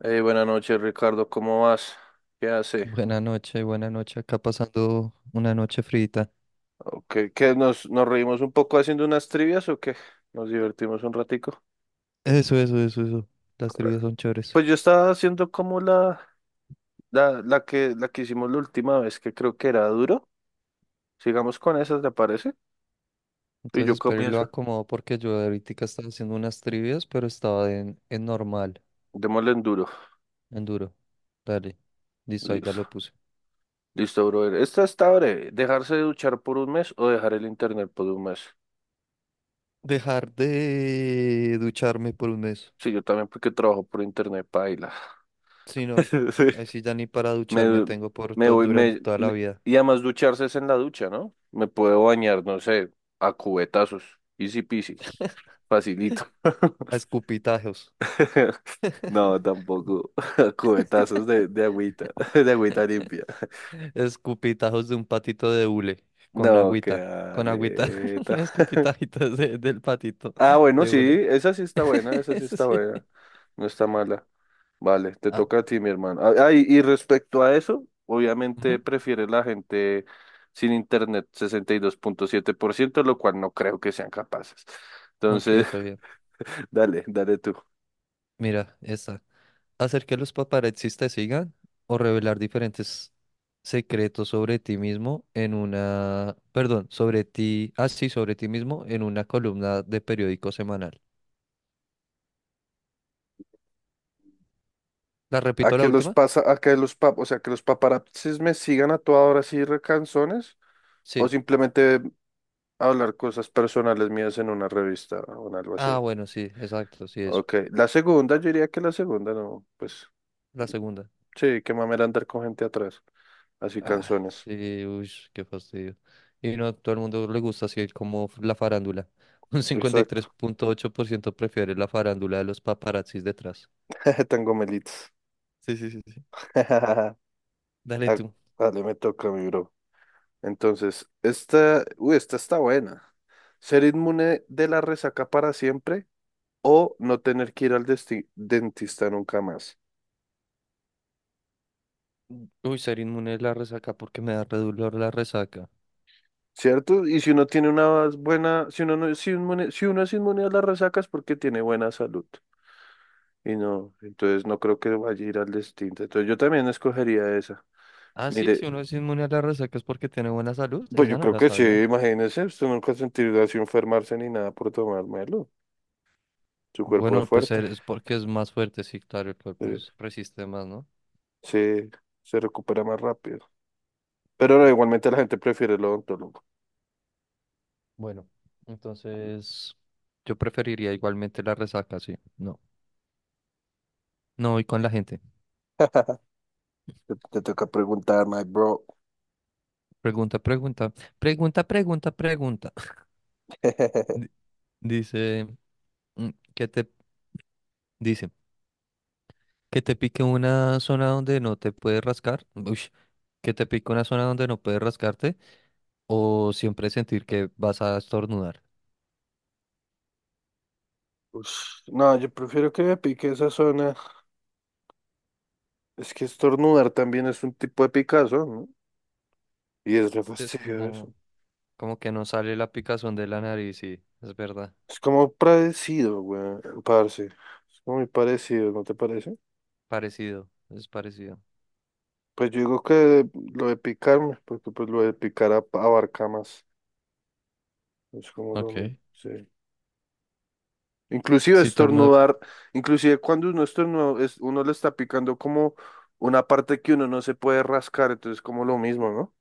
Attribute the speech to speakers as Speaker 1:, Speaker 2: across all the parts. Speaker 1: Buenas noches, Ricardo, ¿cómo vas? ¿Qué hace?
Speaker 2: Buenas noches, buenas noches. Acá pasando una noche frita.
Speaker 1: ¿Qué, nos reímos un poco haciendo unas trivias o qué? ¿Nos divertimos un ratico?
Speaker 2: Eso, eso, eso, eso. Las trivias son chéveres.
Speaker 1: Pues yo estaba haciendo como la que hicimos la última vez, que creo que era duro. Sigamos con esas, ¿te parece? Y
Speaker 2: Entonces,
Speaker 1: yo
Speaker 2: espero y lo
Speaker 1: comienzo.
Speaker 2: acomodo porque yo ahorita estaba haciendo unas trivias, pero estaba en normal,
Speaker 1: Démosle en duro.
Speaker 2: en duro. Dale. Listo, ahí ya
Speaker 1: Listo.
Speaker 2: lo puse.
Speaker 1: Listo, brother. Esta está breve. ¿Dejarse de duchar por un mes o dejar el internet por un mes?
Speaker 2: Dejar de ducharme por un mes.
Speaker 1: Sí, yo también porque trabajo por internet, paila.
Speaker 2: Si no, ahí sí ya ni para ducharme
Speaker 1: Me,
Speaker 2: tengo por
Speaker 1: me voy,
Speaker 2: durante toda la vida.
Speaker 1: y además ducharse es en la ducha, ¿no? Me puedo bañar, no sé, a cubetazos. Easy peasy. Facilito.
Speaker 2: A escupitajos.
Speaker 1: No, tampoco. Cubetazos de agüita, de agüita limpia.
Speaker 2: Escupitajos de un patito de hule con
Speaker 1: No, qué
Speaker 2: agüita, con agüita,
Speaker 1: aleta.
Speaker 2: escupitajitos del patito
Speaker 1: Ah, bueno,
Speaker 2: de
Speaker 1: sí,
Speaker 2: hule.
Speaker 1: esa sí está buena, esa sí está
Speaker 2: Sí.
Speaker 1: buena. No está mala. Vale, te
Speaker 2: Ah,
Speaker 1: toca a ti, mi hermano. Ah, ah, y respecto a eso, obviamente
Speaker 2: ujú.
Speaker 1: prefiere la gente sin internet, 62,7%, lo cual no creo que sean capaces.
Speaker 2: Ok,
Speaker 1: Entonces,
Speaker 2: re bien.
Speaker 1: dale, dale tú.
Speaker 2: Mira, esta. Hacer que los paparazzis te sigan o revelar diferentes secretos sobre ti mismo en una, perdón, sobre ti, ah, sí, sobre ti mismo en una columna de periódico semanal. ¿La
Speaker 1: A
Speaker 2: repito la
Speaker 1: que los
Speaker 2: última?
Speaker 1: pasa, a que los pap, O sea, que los paparazzis me sigan a toda hora así recanzones, o
Speaker 2: Sí.
Speaker 1: simplemente hablar cosas personales mías en una revista o en algo así.
Speaker 2: Ah, bueno, sí, exacto, sí, eso.
Speaker 1: Ok, la segunda, yo diría que la segunda no, pues
Speaker 2: La segunda.
Speaker 1: sí, qué mamera andar con gente atrás. Así
Speaker 2: Ah,
Speaker 1: canciones.
Speaker 2: sí, uy, qué fastidio. Y no a todo el mundo le gusta así como la farándula. Un cincuenta y tres
Speaker 1: Exacto.
Speaker 2: punto ocho por ciento prefiere la farándula de los paparazzis detrás.
Speaker 1: Tan gomelitos.
Speaker 2: Sí, sí, sí, sí. Dale
Speaker 1: Ah,
Speaker 2: tú.
Speaker 1: vale, me toca, mi bro. Entonces, esta está buena. ¿Ser inmune de la resaca para siempre o no tener que ir al dentista nunca más?
Speaker 2: Uy, ser inmune a la resaca porque me da re dolor la resaca.
Speaker 1: ¿Cierto? Y si uno tiene una buena, si uno no es inmune, si uno es inmune a las resacas es porque tiene buena salud. Y no, entonces no creo que vaya a ir al dentista. Entonces yo también escogería esa.
Speaker 2: Ah, sí, si
Speaker 1: Mire,
Speaker 2: uno es inmune a la resaca es porque tiene buena salud.
Speaker 1: pues yo
Speaker 2: Esa no
Speaker 1: creo
Speaker 2: la
Speaker 1: que sí,
Speaker 2: sabía.
Speaker 1: imagínese, usted nunca sentirá así enfermarse ni nada por tomármelo. Su cuerpo es
Speaker 2: Bueno, pues
Speaker 1: fuerte,
Speaker 2: es porque es más fuerte, sí, claro, el cuerpo
Speaker 1: eh,
Speaker 2: resiste más, ¿no?
Speaker 1: se, se recupera más rápido. Pero no, igualmente la gente prefiere el odontólogo.
Speaker 2: Bueno, entonces yo preferiría igualmente la resaca, sí. No, no voy con la gente.
Speaker 1: Te toca preguntar, my bro.
Speaker 2: Pregunta, pregunta, pregunta, pregunta, pregunta. Di- Dice, mm, que te, dice, que te pique una zona donde no te puedes rascar, ush, que te pique una zona donde no puedes rascarte, o siempre sentir que vas a estornudar.
Speaker 1: Ush, no, yo prefiero que me pique esa zona. Es que estornudar también es un tipo de picazón, ¿no? Y es re
Speaker 2: Sí, es
Speaker 1: fastidioso.
Speaker 2: como, como que no sale la picazón de la nariz, sí, es verdad,
Speaker 1: Es como parecido, güey, parce. Es como muy parecido, ¿no te parece?
Speaker 2: parecido, es parecido.
Speaker 1: Pues yo digo que lo de picarme, porque pues lo de picar abarca más. Es como lo
Speaker 2: Ok,
Speaker 1: mismo, sí. Inclusive
Speaker 2: sí, todo el mundo,
Speaker 1: estornudar, inclusive cuando uno estornuda, uno le está picando como una parte que uno no se puede rascar, entonces como lo mismo, ¿no?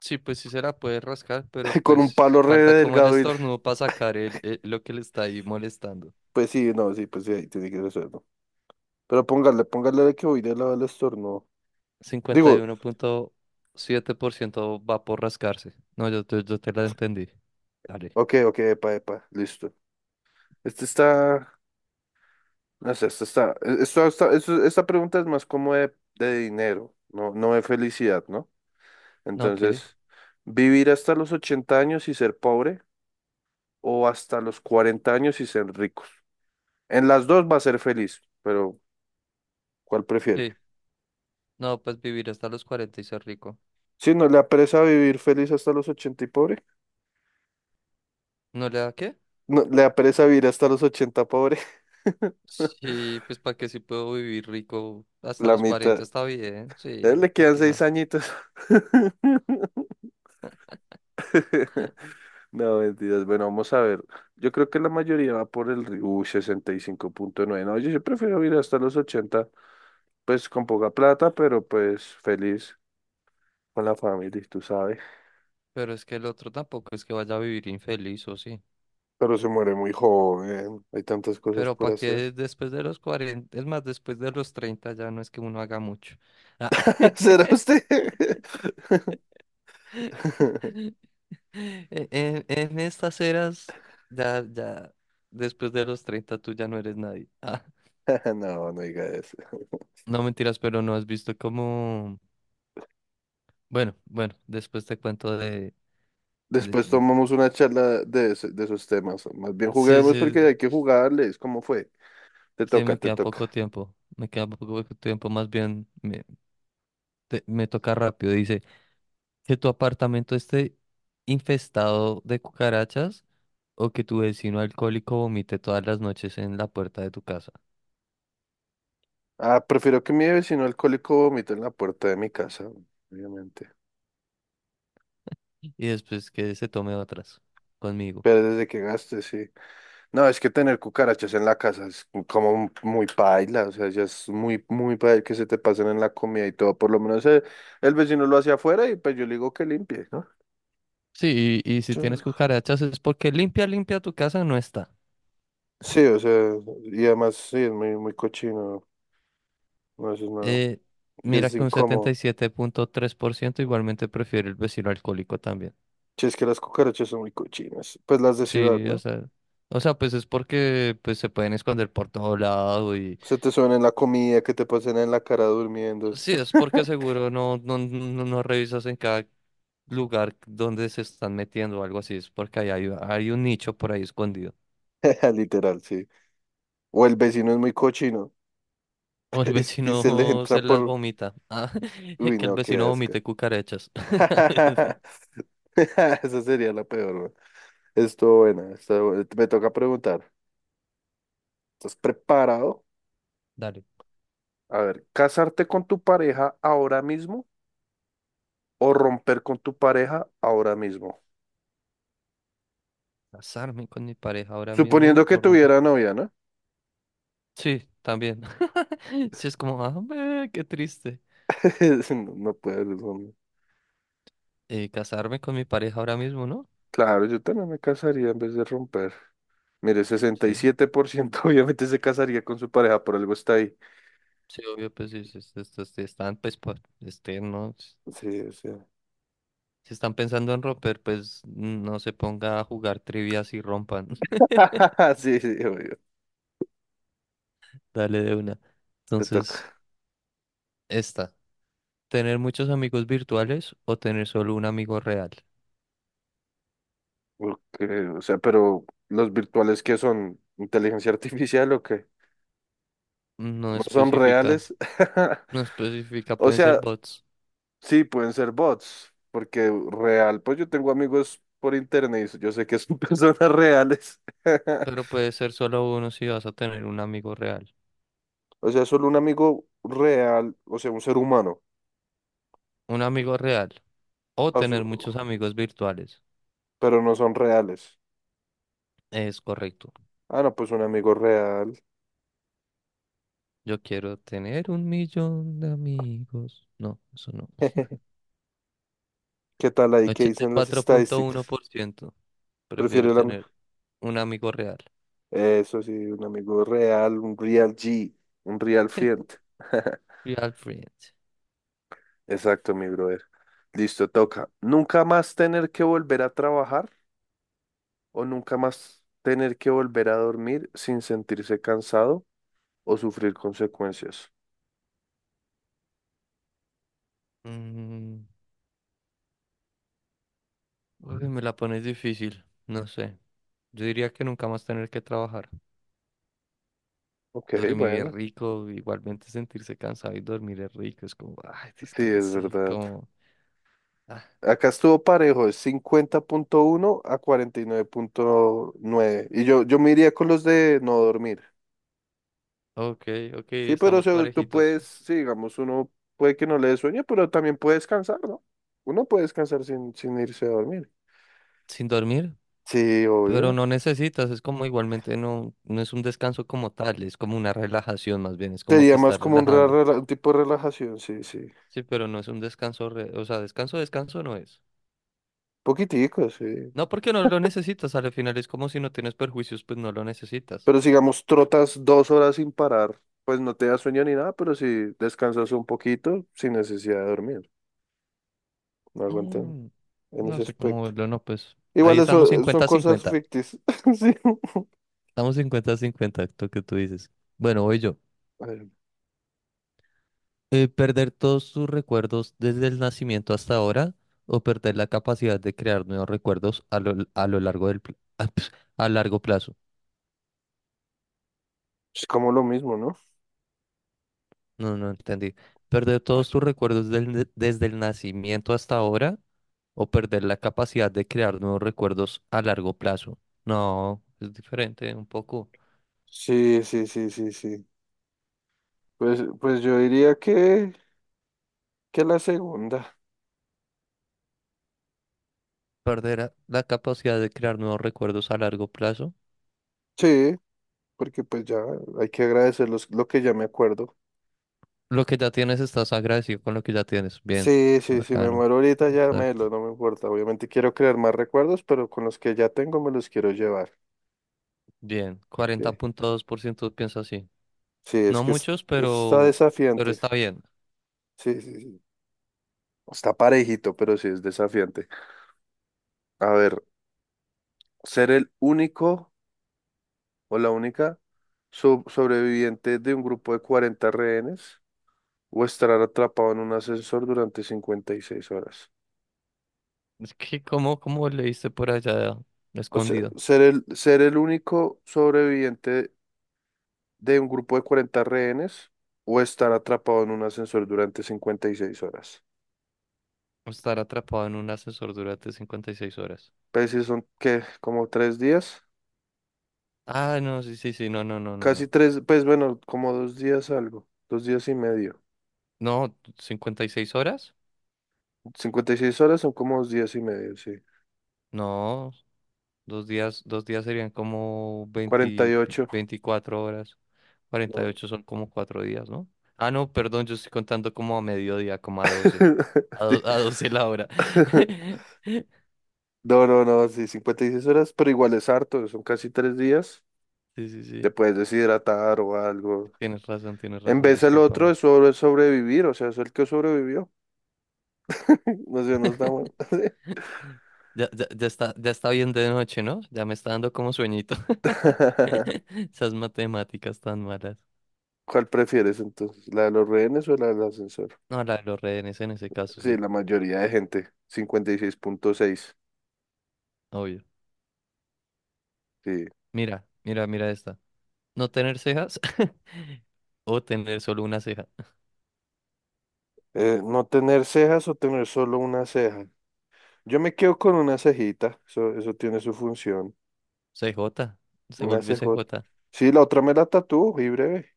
Speaker 2: sí, pues sí se la puede rascar, pero
Speaker 1: Con un
Speaker 2: pues
Speaker 1: palo re
Speaker 2: falta como el
Speaker 1: delgado y.
Speaker 2: estornudo para sacar el, lo que le está ahí molestando.
Speaker 1: Pues sí, no, sí, pues sí, ahí tiene que resolverlo. Pero póngale, póngale de que voy de lado al estornudo.
Speaker 2: cincuenta y
Speaker 1: Digo,
Speaker 2: uno punto siete por ciento va por rascarse. No, yo te la entendí. Dale.
Speaker 1: ok, ok, epa, epa, listo. Este está. No sé, esta pregunta es más como de dinero, no, no de felicidad, ¿no?
Speaker 2: No, qué.
Speaker 1: Entonces, ¿vivir hasta los 80 años y ser pobre o hasta los 40 años y ser ricos? En las dos va a ser feliz, pero ¿cuál prefiere?
Speaker 2: Sí. No, pues vivir hasta los 40 y ser rico.
Speaker 1: Si no le apresa vivir feliz hasta los 80 y pobre,
Speaker 2: ¿No le da qué?
Speaker 1: no, le apresa vivir hasta los 80 pobre,
Speaker 2: Sí, pues para qué si puedo vivir rico hasta
Speaker 1: la
Speaker 2: los
Speaker 1: mitad.
Speaker 2: 40 está bien.
Speaker 1: A él
Speaker 2: Sí,
Speaker 1: le
Speaker 2: para
Speaker 1: quedan
Speaker 2: qué más.
Speaker 1: 6 añitos. No, mentiras. Bueno, vamos a ver. Yo creo que la mayoría va por el 65,9. No, yo prefiero ir hasta los 80. Pues con poca plata, pero pues feliz con la familia, tú sabes.
Speaker 2: Pero es que el otro tampoco es que vaya a vivir infeliz o sí.
Speaker 1: Pero se muere muy joven. Hay tantas cosas
Speaker 2: Pero
Speaker 1: por
Speaker 2: para
Speaker 1: hacer.
Speaker 2: qué después de los 40, es más, después de los 30 ya no es que uno haga mucho. Ah.
Speaker 1: ¿Será usted?
Speaker 2: En estas eras, ya, ya, después de los 30 tú ya no eres nadie. Ah,
Speaker 1: No, no diga eso.
Speaker 2: no mentiras, pero no has visto cómo... Bueno, bueno, después te cuento de... de-
Speaker 1: Después
Speaker 2: de-
Speaker 1: tomamos una charla de esos temas. Más bien
Speaker 2: Sí,
Speaker 1: juguemos porque
Speaker 2: sí,
Speaker 1: hay que jugarles. ¿Cómo fue? Te
Speaker 2: sí,
Speaker 1: toca,
Speaker 2: me
Speaker 1: te
Speaker 2: queda
Speaker 1: toca.
Speaker 2: poco tiempo. Me queda poco tiempo, más bien me, me toca rápido. Dice, que tu apartamento esté infestado de cucarachas o que tu vecino alcohólico vomite todas las noches en la puerta de tu casa
Speaker 1: Ah, prefiero que mi vecino alcohólico vomite en la puerta de mi casa, obviamente.
Speaker 2: y después que se tome otras conmigo.
Speaker 1: Pero desde que gaste, sí. No, es que tener cucarachas en la casa es como muy paila, o sea, ya es muy, muy paila que se te pasen en la comida y todo. Por lo menos vecino lo hace afuera y pues yo le digo que limpie, ¿no?
Speaker 2: Sí, y si
Speaker 1: Yo-
Speaker 2: tienes cucarachas es porque limpia, limpia tu casa no está.
Speaker 1: Sí, o sea, y además sí, es muy, muy cochino, no eso es nada.
Speaker 2: Eh,
Speaker 1: Y
Speaker 2: mira
Speaker 1: es
Speaker 2: que un setenta y
Speaker 1: incómodo.
Speaker 2: siete punto tres por ciento igualmente prefiere el vecino alcohólico también.
Speaker 1: Sí, es que las cucarachas son muy cochinas, pues las de ciudad,
Speaker 2: Sí,
Speaker 1: ¿no?
Speaker 2: o sea, pues es porque pues se pueden esconder por todo lado y
Speaker 1: Se te suben en la comida, que te pasen en la cara durmiendo.
Speaker 2: sí, es porque seguro no, no, no, no revisas en cada lugar donde se están metiendo o algo así, es porque ahí hay, hay un nicho por ahí escondido.
Speaker 1: Literal, sí. O el vecino es muy cochino
Speaker 2: O el
Speaker 1: y se les
Speaker 2: vecino
Speaker 1: entran
Speaker 2: se las
Speaker 1: por.
Speaker 2: vomita. Ah,
Speaker 1: Uy,
Speaker 2: que el
Speaker 1: no, qué
Speaker 2: vecino
Speaker 1: asco.
Speaker 2: vomite cucarachas.
Speaker 1: Esa sería la peor, ¿no? Estuvo buena, estuvo buena. Me toca preguntar, ¿estás preparado?
Speaker 2: Dale.
Speaker 1: A ver, ¿casarte con tu pareja ahora mismo o romper con tu pareja ahora mismo?
Speaker 2: ¿Casarme con mi pareja ahora
Speaker 1: Suponiendo
Speaker 2: mismo
Speaker 1: que
Speaker 2: o romper?
Speaker 1: tuviera novia, ¿no?
Speaker 2: Sí, también. Sí, es como, ah, ve, qué triste.
Speaker 1: No, no puedes, hombre.
Speaker 2: ¿Casarme con mi pareja ahora mismo, no?
Speaker 1: Claro, yo también me casaría en vez de romper. Mire,
Speaker 2: Sí,
Speaker 1: 67% obviamente se casaría con su pareja, por algo está ahí.
Speaker 2: sí, obvio, pues sí, sí, sí, sí, sí, están, pues, este, no.
Speaker 1: Sí, sí.
Speaker 2: Si están pensando en romper, pues no se ponga a jugar trivias y rompan.
Speaker 1: Sí, sí, obvio,
Speaker 2: Dale de una.
Speaker 1: te
Speaker 2: Entonces,
Speaker 1: toca.
Speaker 2: esta. ¿Tener muchos amigos virtuales o tener solo un amigo real?
Speaker 1: Okay, o sea, pero ¿los virtuales que son inteligencia artificial o qué?
Speaker 2: No
Speaker 1: ¿No son
Speaker 2: especifica.
Speaker 1: reales?
Speaker 2: No especifica,
Speaker 1: O
Speaker 2: pueden ser
Speaker 1: sea,
Speaker 2: bots.
Speaker 1: sí, pueden ser bots, porque real, pues yo tengo amigos por internet y yo sé que son personas reales.
Speaker 2: Pero puede ser solo uno si vas a tener un amigo real.
Speaker 1: O sea, solo un amigo real, o sea, un ser humano,
Speaker 2: Un amigo real. O
Speaker 1: o su-
Speaker 2: tener muchos amigos virtuales.
Speaker 1: pero no son reales.
Speaker 2: Es correcto.
Speaker 1: Ah, no, pues un amigo real.
Speaker 2: Yo quiero tener un millón de amigos. No, eso no.
Speaker 1: ¿Qué tal ahí? ¿Qué dicen las estadísticas?
Speaker 2: 84.1% prefiere
Speaker 1: Prefiero la.
Speaker 2: tener un amigo real.
Speaker 1: Eso sí, un amigo real, un real G, un real friend.
Speaker 2: Real friend.
Speaker 1: Exacto, mi brother. Listo, toca. Nunca más tener que volver a trabajar o nunca más tener que volver a dormir sin sentirse cansado o sufrir consecuencias.
Speaker 2: Mm, uy, me la pones difícil. No sé. Yo diría que nunca más tener que trabajar.
Speaker 1: Ok,
Speaker 2: Dormir es
Speaker 1: bueno,
Speaker 2: rico. Igualmente sentirse cansado y dormir es rico. Es como, ay,
Speaker 1: sí, es
Speaker 2: descansé.
Speaker 1: verdad.
Speaker 2: Como...
Speaker 1: Acá estuvo parejo, es 50,1 a 49,9. Y yo me iría con los de no dormir.
Speaker 2: Ok, ok,
Speaker 1: Sí, pero o
Speaker 2: estamos
Speaker 1: sea, tú
Speaker 2: parejitos.
Speaker 1: puedes, sí, digamos, uno puede que no le dé sueño, pero también puede descansar, ¿no? Uno puede descansar sin irse a dormir.
Speaker 2: Sin dormir,
Speaker 1: Sí,
Speaker 2: pero
Speaker 1: obvio.
Speaker 2: no necesitas, es como igualmente no, no es un descanso como tal, es como una relajación más bien, es como
Speaker 1: Sería
Speaker 2: te
Speaker 1: más
Speaker 2: estás
Speaker 1: como un, re-
Speaker 2: relajando.
Speaker 1: rela- un tipo de relajación, sí, sí.
Speaker 2: Sí, pero no es un descanso, o sea, descanso, descanso no es.
Speaker 1: Poquitico, sí.
Speaker 2: No, porque no lo necesitas, al final es como si no tienes perjuicios, pues no lo necesitas.
Speaker 1: Pero si, digamos, trotas 2 horas sin parar, pues no te da sueño ni nada, pero si descansas un poquito sin necesidad de dormir. No aguantan
Speaker 2: Mm,
Speaker 1: en
Speaker 2: no
Speaker 1: ese
Speaker 2: sé cómo
Speaker 1: aspecto.
Speaker 2: verlo, no, pues
Speaker 1: Igual
Speaker 2: ahí estamos
Speaker 1: eso son
Speaker 2: 50
Speaker 1: cosas
Speaker 2: cincuenta.
Speaker 1: ficticias. Sí.
Speaker 2: Estamos 50 cincuenta, lo que tú dices. Bueno, voy yo.
Speaker 1: A ver,
Speaker 2: Perder todos tus recuerdos desde el nacimiento hasta ahora o perder la capacidad de crear nuevos recuerdos a lo largo ah, ps, a largo plazo.
Speaker 1: es como lo mismo, ¿no?
Speaker 2: No, no entendí. Perder todos tus recuerdos desde el nacimiento hasta ahora o perder la capacidad de crear nuevos recuerdos a largo plazo. No, es diferente un poco.
Speaker 1: Sí, sí, sí, sí, sí. Pues yo diría que, la segunda.
Speaker 2: Perder la capacidad de crear nuevos recuerdos a largo plazo.
Speaker 1: Sí, porque pues ya hay que agradecer lo que ya me acuerdo.
Speaker 2: Lo que ya tienes, estás agradecido con lo que ya tienes. Bien,
Speaker 1: Sí, sí, sí, me
Speaker 2: bacano.
Speaker 1: muero ahorita ya me lo,
Speaker 2: Exacto.
Speaker 1: no me importa. Obviamente quiero crear más recuerdos, pero con los que ya tengo me los quiero llevar.
Speaker 2: Bien, cuarenta
Speaker 1: Sí,
Speaker 2: punto dos por ciento piensa así.
Speaker 1: sí, es
Speaker 2: No
Speaker 1: que
Speaker 2: muchos,
Speaker 1: está
Speaker 2: pero
Speaker 1: desafiante.
Speaker 2: está bien.
Speaker 1: Sí, sí, sí. Está parejito, pero sí es desafiante. A ver, ser el único o la única sobreviviente de un grupo de 40 rehenes o estar atrapado en un ascensor durante 56 horas.
Speaker 2: Es que, ¿cómo, cómo leíste por allá
Speaker 1: O sea,
Speaker 2: escondido?
Speaker 1: ser el único sobreviviente de un grupo de 40 rehenes o estar atrapado en un ascensor durante 56 horas.
Speaker 2: Estar atrapado en un ascensor durante 56 horas.
Speaker 1: Pues si son, ¿qué? Como 3 días,
Speaker 2: Ah, no, sí, sí, sí, no, no, no, no,
Speaker 1: casi
Speaker 2: no.
Speaker 1: tres, pues bueno, como 2 días algo, 2 días y medio.
Speaker 2: No, ¿56 horas?
Speaker 1: 56 horas son como 2 días y medio, sí.
Speaker 2: No, 2 días, 2 días serían como 20,
Speaker 1: 48,
Speaker 2: 24 horas. cuarenta y
Speaker 1: no.
Speaker 2: ocho son como 4 días, ¿no? Ah, no, perdón, yo estoy contando como a mediodía, como a 12. A,
Speaker 1: Sí.
Speaker 2: a 12 la hora.
Speaker 1: No, no, no, sí, 56 horas, pero igual es harto, son casi 3 días.
Speaker 2: Sí, sí,
Speaker 1: Te
Speaker 2: sí.
Speaker 1: puedes deshidratar o algo.
Speaker 2: Tienes
Speaker 1: En
Speaker 2: razón,
Speaker 1: vez el otro
Speaker 2: discúlpame.
Speaker 1: es sobre sobrevivir, o sea, es el que sobrevivió. No sé, no está mal.
Speaker 2: Ya, ya, ya está bien de noche, ¿no? Ya me está dando como sueñito. Esas matemáticas tan malas.
Speaker 1: ¿Cuál prefieres entonces? ¿La de los rehenes o la del ascensor?
Speaker 2: No, la de los rehenes en ese caso,
Speaker 1: Sí,
Speaker 2: sí,
Speaker 1: la mayoría de gente, 56,6.
Speaker 2: obvio.
Speaker 1: Sí.
Speaker 2: Mira, mira, mira esta. No tener cejas o tener solo una ceja.
Speaker 1: ¿No tener cejas o tener solo una ceja? Yo me quedo con una cejita, eso tiene su función.
Speaker 2: C J se
Speaker 1: Una
Speaker 2: vuelve C
Speaker 1: cejota.
Speaker 2: J.
Speaker 1: Sí, la otra me la tatúo y breve.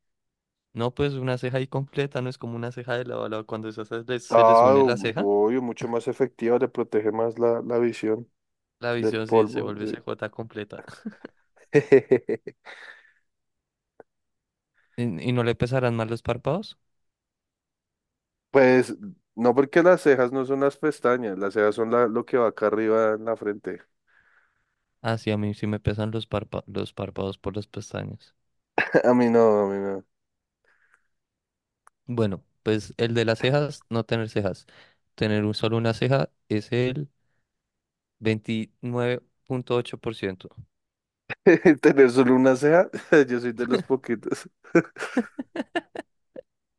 Speaker 2: No, pues una ceja ahí completa, no es como una ceja de lado a lado. Cuando esas se les
Speaker 1: Ah,
Speaker 2: une la ceja,
Speaker 1: obvio, mucho más efectiva, le protege más la visión
Speaker 2: la
Speaker 1: del
Speaker 2: visión sí se
Speaker 1: polvo,
Speaker 2: vuelve
Speaker 1: sí.
Speaker 2: C J completa. ¿Y, y no le pesarán más los párpados?
Speaker 1: Pues no porque las cejas no son las pestañas, las cejas son lo que va acá arriba en la frente.
Speaker 2: Ah, sí, a mí sí me pesan los los párpados por las pestañas.
Speaker 1: A mí no, a mí no.
Speaker 2: Bueno, pues el de las cejas, no tener cejas. Tener un, solo una ceja es el 29.8%.
Speaker 1: Tener solo una ceja, yo soy de los poquitos.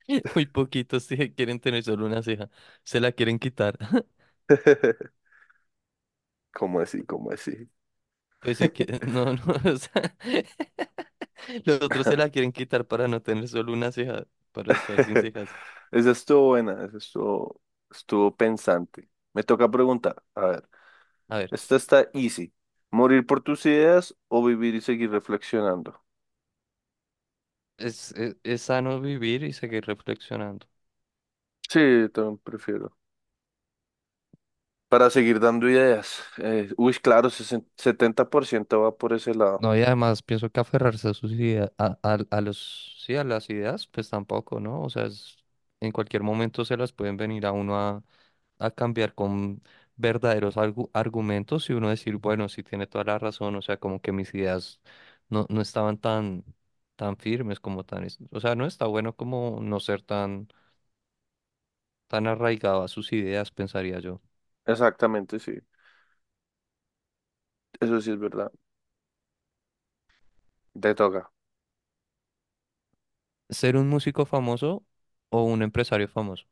Speaker 2: Muy poquitos sí quieren tener solo una ceja. Se la quieren quitar.
Speaker 1: ¿Cómo así? ¿Cómo así?
Speaker 2: Pues sí que, no, no, o sea, los otros se la quieren quitar para no tener solo una ceja, para estar sin cejas.
Speaker 1: Esa estuvo buena, esa estuvo pensante. Me toca preguntar, a ver,
Speaker 2: A ver,
Speaker 1: esta está easy. ¿Morir por tus ideas o vivir y seguir reflexionando?
Speaker 2: es, es sano vivir y seguir reflexionando.
Speaker 1: Sí, también prefiero. Para seguir dando ideas. Claro, setenta por ciento va por ese lado.
Speaker 2: No, y además pienso que aferrarse a sus ideas, a, a los, sí, a las ideas, pues tampoco, ¿no? O sea, en cualquier momento se las pueden venir a uno a cambiar con verdaderos argumentos y uno decir, bueno, sí tiene toda la razón, o sea, como que mis ideas no, no estaban tan, tan firmes como tan, o sea, no está bueno como no ser tan, tan arraigado a sus ideas, pensaría yo.
Speaker 1: Exactamente, sí. Eso sí es verdad. Te toca.
Speaker 2: ¿Ser un músico famoso o un empresario famoso?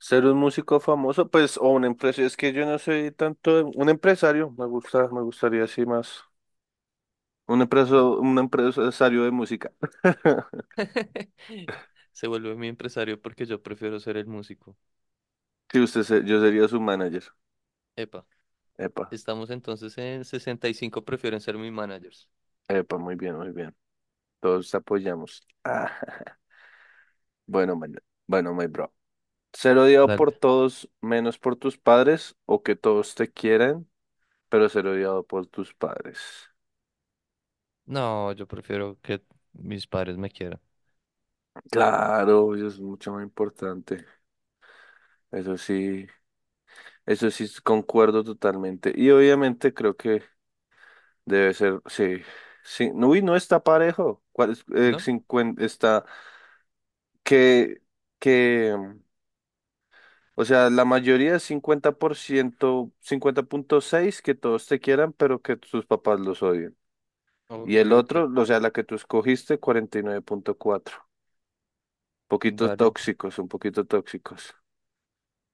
Speaker 1: Ser un músico famoso, pues, o un empresario. Es que yo no soy tanto un empresario. Me gustaría así más. Un empresario de música.
Speaker 2: Se vuelve mi empresario porque yo prefiero ser el músico.
Speaker 1: Sí, yo sería su manager.
Speaker 2: Epa,
Speaker 1: Epa,
Speaker 2: estamos entonces en 65 prefieren ser mis managers.
Speaker 1: epa, muy bien, muy bien. Todos apoyamos. Ah, bueno, man, bueno, my bro. Ser odiado por
Speaker 2: Dale.
Speaker 1: todos menos por tus padres o que todos te quieran pero ser odiado por tus padres.
Speaker 2: No, yo prefiero que mis padres me quieran.
Speaker 1: Claro, eso es mucho más importante. Eso sí, eso sí concuerdo totalmente. Y obviamente creo que debe ser, sí, sí. No, uy, no está parejo. ¿Cuál es?
Speaker 2: ¿No?
Speaker 1: 50 está que, que, o sea, la mayoría es 50%, 50,6 que todos te quieran, pero que tus papás los odien. Y
Speaker 2: Ok,
Speaker 1: el
Speaker 2: ok,
Speaker 1: otro, o
Speaker 2: ok.
Speaker 1: sea, la que tú escogiste, 49,4. Poquito
Speaker 2: Dale,
Speaker 1: tóxicos, un poquito tóxicos.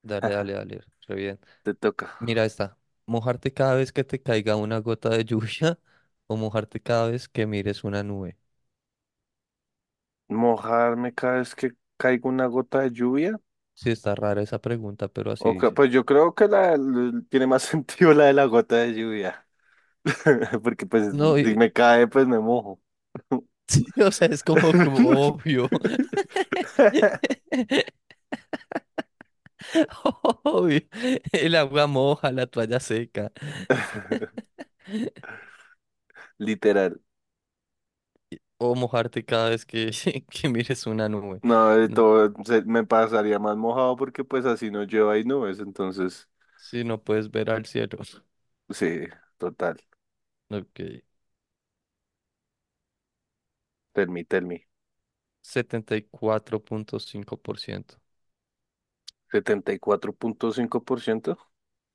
Speaker 2: dale, dale, dale. Re bien.
Speaker 1: Te toca
Speaker 2: Mira esta. Mojarte cada vez que te caiga una gota de lluvia o mojarte cada vez que mires una nube.
Speaker 1: mojarme cada vez que caiga una gota de lluvia.
Speaker 2: Sí, está rara esa pregunta, pero así dice.
Speaker 1: Pues yo creo que tiene más sentido la de la gota de lluvia. Porque pues
Speaker 2: No,
Speaker 1: si me cae, pues me mojo.
Speaker 2: sí, o sea, es como, como obvio. Obvio. El agua moja la toalla seca
Speaker 1: Literal.
Speaker 2: o mojarte cada vez que, que mires una nube.
Speaker 1: No, de
Speaker 2: No-
Speaker 1: todo me pasaría más mojado porque pues así no llueva y nubes. Entonces,
Speaker 2: si no puedes ver al cielo.
Speaker 1: sí, total.
Speaker 2: Ok.
Speaker 1: Tell me, tell me.
Speaker 2: 74.5%.
Speaker 1: 74,5%.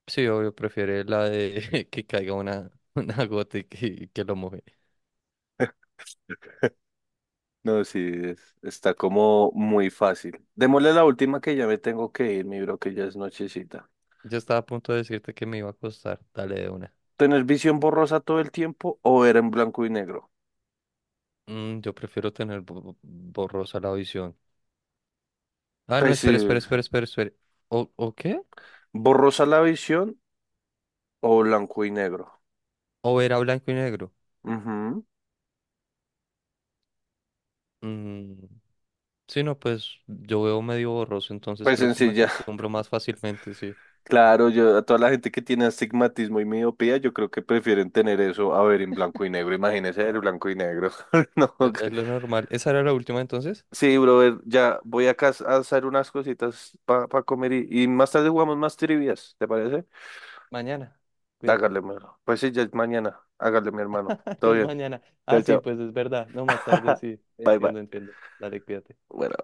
Speaker 2: Sí, obvio, prefiere la de que caiga una, una gota y que lo moje.
Speaker 1: No, sí, está como muy fácil. Démosle la última que ya me tengo que ir, mi bro, que ya es nochecita.
Speaker 2: Yo estaba a punto de decirte que me iba a costar. Dale de una.
Speaker 1: ¿Tener visión borrosa todo el tiempo o ver en blanco y negro?
Speaker 2: Mm, yo prefiero tener borrosa la visión. Ah, no,
Speaker 1: Pues sí,
Speaker 2: espera, espera,
Speaker 1: sí.
Speaker 2: espera, espera, espera. O qué?
Speaker 1: Borrosa la visión o blanco y negro.
Speaker 2: ¿O era blanco y negro?
Speaker 1: Ujú.
Speaker 2: Mm, sí, no, pues yo veo medio borroso, entonces
Speaker 1: Pues
Speaker 2: creo que me
Speaker 1: sencilla.
Speaker 2: acostumbro más fácilmente, sí.
Speaker 1: Claro, yo a toda la gente que tiene astigmatismo y miopía, yo creo que prefieren tener eso a ver en blanco y negro. Imagínese ver blanco y negro. No.
Speaker 2: Es lo normal. ¿Esa era la última entonces?
Speaker 1: Sí, brother, ya voy acá a hacer unas cositas para comer y más tarde jugamos más trivias, ¿te parece?
Speaker 2: Mañana. Cuídate.
Speaker 1: Hágale, mi hermano. Pues sí, ya es mañana. Hágale, mi hermano. Todo
Speaker 2: Ya es
Speaker 1: bien.
Speaker 2: mañana.
Speaker 1: Chao,
Speaker 2: Ah, sí,
Speaker 1: chao.
Speaker 2: pues es verdad. No, más tarde sí.
Speaker 1: Bye, bye.
Speaker 2: Entiendo, entiendo. Dale, cuídate.
Speaker 1: Bueno.